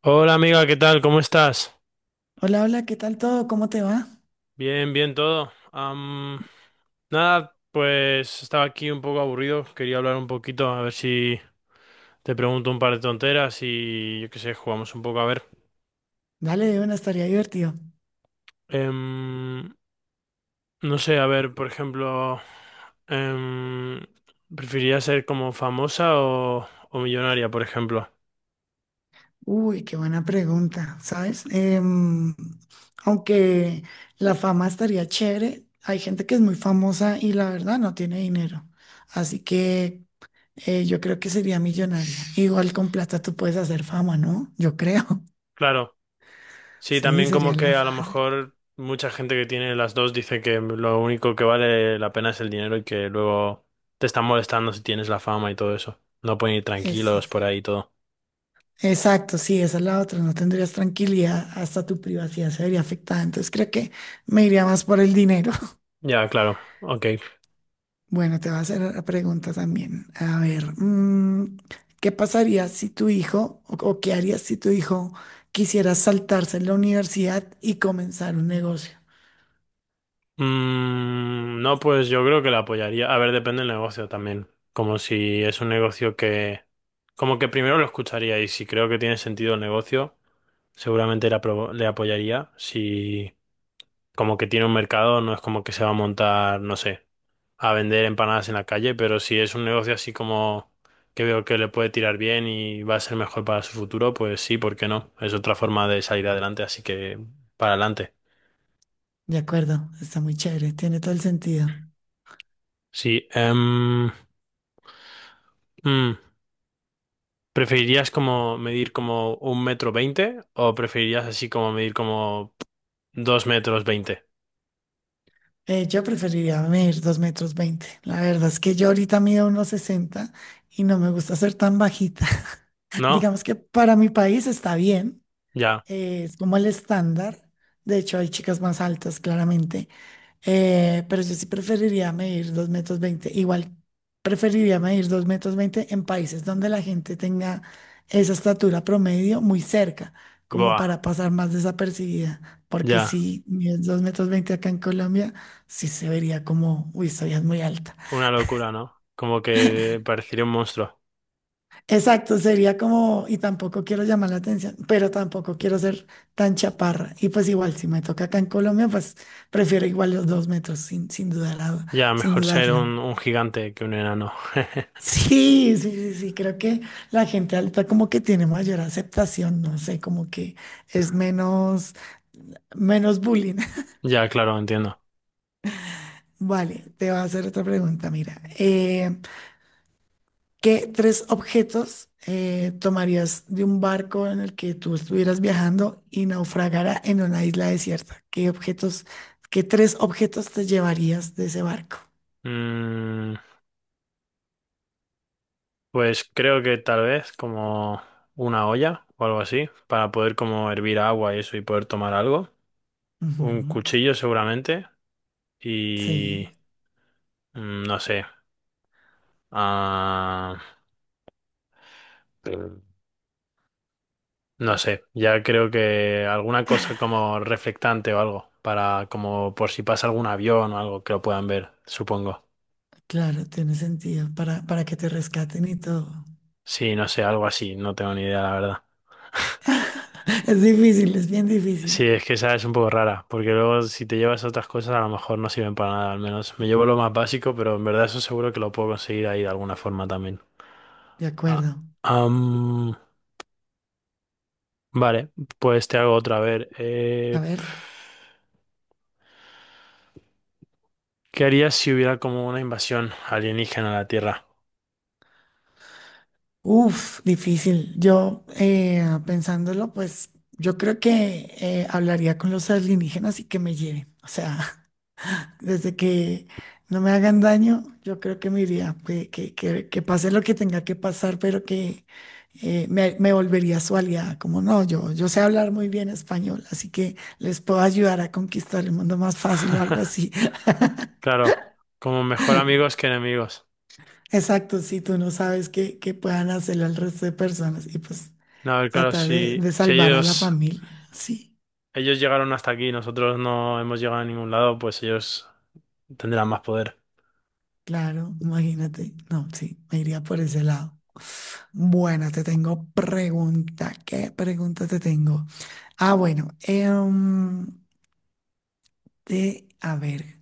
Hola amiga, ¿qué tal? ¿Cómo estás? Hola, hola, ¿qué tal todo? ¿Cómo te va? Bien, bien todo. Nada, pues estaba aquí un poco aburrido, quería hablar un poquito, a ver si te pregunto un par de tonteras y yo qué sé, jugamos un poco a ver. Dale, de una estaría divertido. Em, no sé, a ver, por ejemplo, em, ¿preferirías ser como famosa o millonaria, por ejemplo? Uy, qué buena pregunta, ¿sabes? Aunque la fama estaría chévere, hay gente que es muy famosa y la verdad no tiene dinero. Así que yo creo que sería millonaria. Igual con plata tú puedes hacer fama, ¿no? Yo creo. Claro. Sí, Sí, también sería como la que a lo fácil. mejor mucha gente que tiene las dos dice que lo único que vale la pena es el dinero y que luego te están molestando si tienes la fama y todo eso. No pueden ir Eso. tranquilos por ahí y todo. Exacto, sí, esa es la otra. No tendrías tranquilidad, hasta tu privacidad se vería afectada. Entonces creo que me iría más por el dinero. Ya, claro, ok. Bueno, te voy a hacer la pregunta también. A ver, ¿qué pasaría si tu hijo, o qué harías si tu hijo quisiera saltarse la universidad y comenzar un negocio? Mm, no, pues yo creo que la apoyaría. A ver, depende del negocio también. Como si es un negocio que... Como que primero lo escucharía y si creo que tiene sentido el negocio, seguramente le apoyaría. Si como que tiene un mercado, no es como que se va a montar, no sé, a vender empanadas en la calle, pero si es un negocio así como que veo que le puede tirar bien y va a ser mejor para su futuro, pues sí, ¿por qué no? Es otra forma de salir adelante, así que para adelante. De acuerdo, está muy chévere, tiene todo el sentido. Sí, mm, ¿preferirías como medir como 1,20 m o preferirías así como medir como 2,20 m? Yo preferiría medir dos metros veinte. La verdad es que yo ahorita mido unos 60 y no me gusta ser tan bajita. ¿No? Digamos que para mi país está bien, Ya, es como el estándar. De hecho, hay chicas más altas, claramente. Pero yo sí preferiría medir 2 metros veinte. Igual preferiría medir 2 metros 20 en países donde la gente tenga esa estatura promedio muy cerca, como boa, para pasar más desapercibida. Porque ya, si mides 2 metros 20 acá en Colombia, sí se vería como, uy, soy es muy alta. una locura, ¿no? Como que parecería un monstruo. Exacto, sería como, y tampoco quiero llamar la atención, pero tampoco quiero ser tan chaparra. Y pues igual, si me toca acá en Colombia, pues prefiero igual los 2 metros, Ya, sin mejor ser dudarlo. un gigante que un enano. Sí, sí, sí, sí, creo que la gente alta como que tiene mayor aceptación, no sé, como que es menos, bullying. Ya, claro, entiendo. Vale, te voy a hacer otra pregunta, mira. ¿Qué tres objetos tomarías de un barco en el que tú estuvieras viajando y naufragara en una isla desierta? ¿Qué objetos, qué tres objetos te llevarías de ese barco? Mm, pues creo que tal vez como una olla o algo así, para poder como hervir agua y eso y poder tomar algo. Un Ujú. cuchillo seguramente y Sí, no sé. ah, no sé, ya creo que alguna cosa como reflectante o algo, para como por si pasa algún avión o algo que lo puedan ver, supongo. claro, tiene sentido para, que te rescaten y todo. Sí, no sé, algo así, no tengo ni idea, la verdad. Es difícil, es bien Sí, difícil. es que esa es un poco rara, porque luego si te llevas otras cosas a lo mejor no sirven para nada, al menos me llevo lo más básico, pero en verdad eso seguro que lo puedo conseguir ahí de alguna forma también. De Ah, acuerdo. am, vale, pues te hago otra, a ver. A ver. ¿Qué harías si hubiera como una invasión alienígena a la Tierra? Uf, difícil. Yo, pensándolo, pues yo creo que hablaría con los alienígenas y que me lleven. O sea, desde que no me hagan daño, yo creo que me iría, que pase lo que tenga que pasar, pero que me volvería su aliada. Como no, yo sé hablar muy bien español, así que les puedo ayudar a conquistar el mundo más fácil o algo así. Claro, como mejor amigos que enemigos. Exacto, si tú no sabes qué, puedan hacerle al resto de personas y pues No, a ver, claro, tratar de si salvar a la ellos, familia. Sí, ellos llegaron hasta aquí y nosotros no hemos llegado a ningún lado, pues ellos tendrán más poder. claro, imagínate. No, sí, me iría por ese lado. Bueno, te tengo pregunta. ¿Qué pregunta te tengo? Ah, bueno, a ver,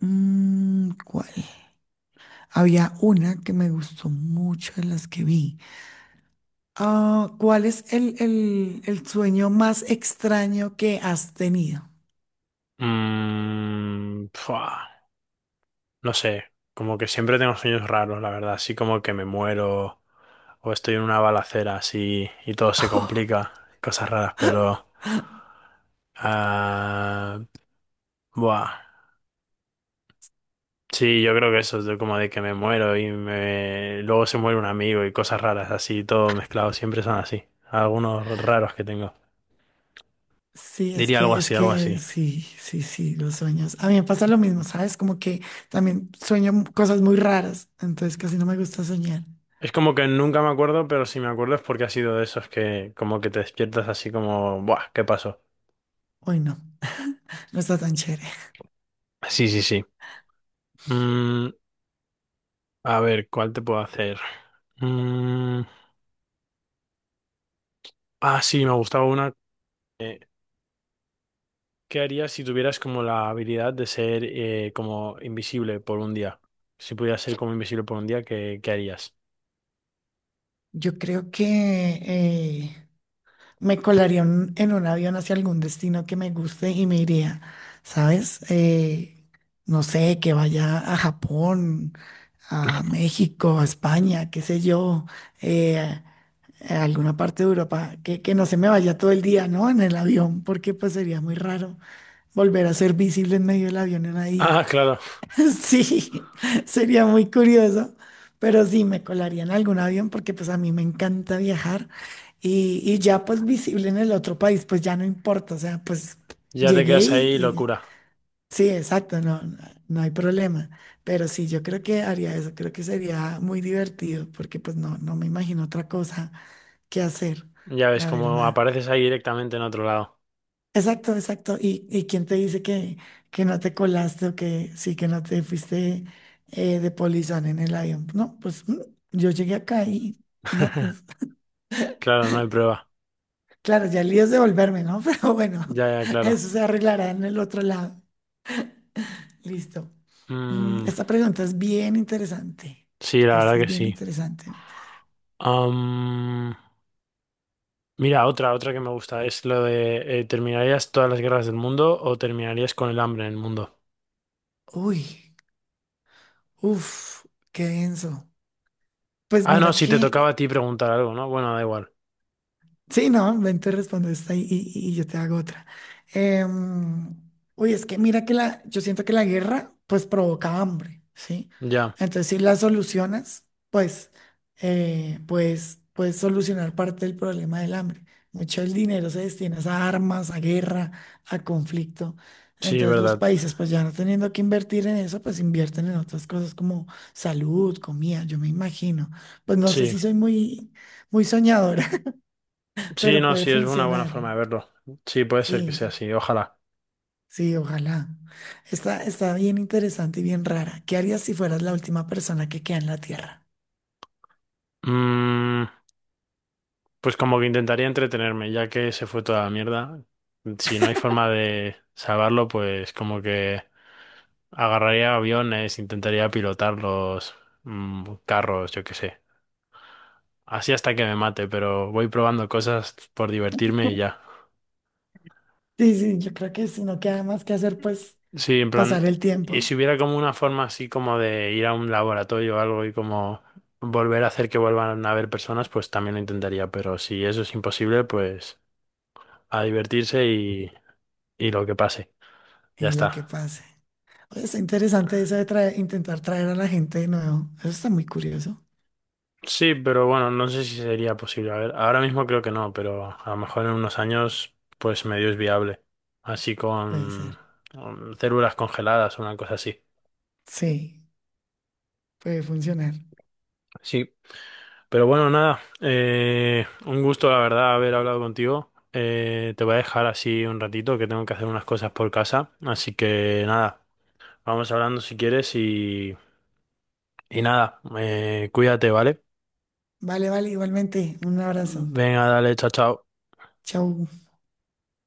¿cuál? Había una que me gustó mucho de las que vi. Ah, ¿cuál es el, el sueño más extraño que has tenido? Mmm, no sé, como que siempre tengo sueños raros, la verdad, así como que me muero o estoy en una balacera así y todo se complica, cosas raras, pero... Ah, buah. Sí, yo creo que eso, de como de que me muero y me... luego se muere un amigo y cosas raras, así, todo mezclado, siempre son así. Algunos raros que tengo. Sí, es Diría algo que, así, algo así. sí, sí, sí, los sueños. A mí me pasa lo mismo, ¿sabes? Como que también cosas muy raras, entonces casi no me gusta soñar. Es como que nunca me acuerdo, pero si me acuerdo es porque ha sido de esos que como que te despiertas así como, buah, ¿qué pasó? Hoy no, no está tan chévere. Sí, sí, sí. Mm, A ver, ¿cuál te puedo hacer? Mm, ah, sí, me gustaba una. eh, ¿Qué harías si tuvieras como la habilidad de ser como invisible por un día? Si pudieras ser como invisible por un día, qué harías? Yo creo que eh, en un avión hacia algún destino que me guste y me iría, ¿sabes? No sé, que vaya a Japón, a México, a España, qué sé yo. eh, a alguna parte de Europa, que, no se me vaya todo el día, ¿no? En el avión, porque pues sería muy raro volver a ser visible en medio del avión en Ah, ahí. claro, Sí, sería muy curioso, pero sí me colaría en algún avión porque pues a mí me encanta viajar y, ya pues visible en el otro país, pues ya no importa, o sea, pues ya te llegué quedas ahí, locura. sí, exacto, no, no hay problema. Pero sí, yo creo que haría eso, creo que sería muy divertido porque pues no, no me imagino otra cosa qué hacer, Ya ves, la como verdad. apareces ahí directamente en otro lado. Exacto, exacto. ¿Y quién te dice que, no te colaste o que sí, que no te fuiste de polizón en el avión? No, pues yo llegué acá Mm. y no, pues Claro, no hay prueba. claro, ya el lío es devolverme, ¿no? Pero bueno, Ya, ya, claro. eso se arreglará en el otro lado. Listo. Mm, Esta pregunta es bien interesante. sí, la verdad Esta es que bien sí. interesante. Am, mira, otra que me gusta es lo de ¿terminarías todas las guerras del mundo o terminarías con el hambre en el mundo? Uy, uff, qué denso. Pues Ah, no, mira si te tocaba que. a ti preguntar algo, ¿no? Bueno, da igual. Sí, no, ven, tú respondes esta y yo te hago otra. Em, Uy, es que mira que yo siento que la guerra pues provoca hambre, ¿sí? Ya, Entonces, si la solucionas, pues, pues puedes solucionar parte del problema del hambre. Mucho del dinero se destina a armas, a guerra, a conflicto. sí, es Entonces los verdad. países, pues ya no teniendo que invertir en eso, pues invierten en otras cosas como salud, comida, yo me imagino. Pues no sé Sí, si soy muy, muy soñadora. sí, Pero no, puede sí, es una buena funcionar. forma de verlo. Sí, puede ser que sea Sí, así, ojalá. sí, ojalá. Está, bien interesante y bien rara. ¿Qué harías si fueras la última persona que queda en la Tierra? Mm, pues como que intentaría entretenerme, ya que se fue toda la mierda. Si no hay forma de salvarlo, pues como que agarraría aviones, intentaría pilotarlos, carros, yo qué sé. Así hasta que me mate, pero voy probando cosas por divertirme y ya. Sí, sí, yo creo que si no queda más que hacer, pues Sí, en plan, pasar el y tiempo si hubiera como una forma así como de ir a un laboratorio o algo y como volver a hacer que vuelvan a haber personas, pues también lo intentaría, pero si eso es imposible, pues a divertirse y lo que pase, ya y lo que está. pase. Oye, está interesante eso de intentar traer a la gente de nuevo. Eso está muy curioso. Sí, pero bueno, no sé si sería posible. A ver, ahora mismo creo que no, pero a lo mejor en unos años, pues medio es viable. Así Puede ser. con células congeladas o una cosa así. Sí, puede funcionar. Sí, pero bueno, nada, un gusto la verdad haber hablado contigo. Te voy a dejar así un ratito que tengo que hacer unas cosas por casa. Así que nada, vamos hablando si quieres y nada, cuídate, ¿vale? Vale, vale, igualmente. Un abrazo. Venga, dale, chao, chao. Chau.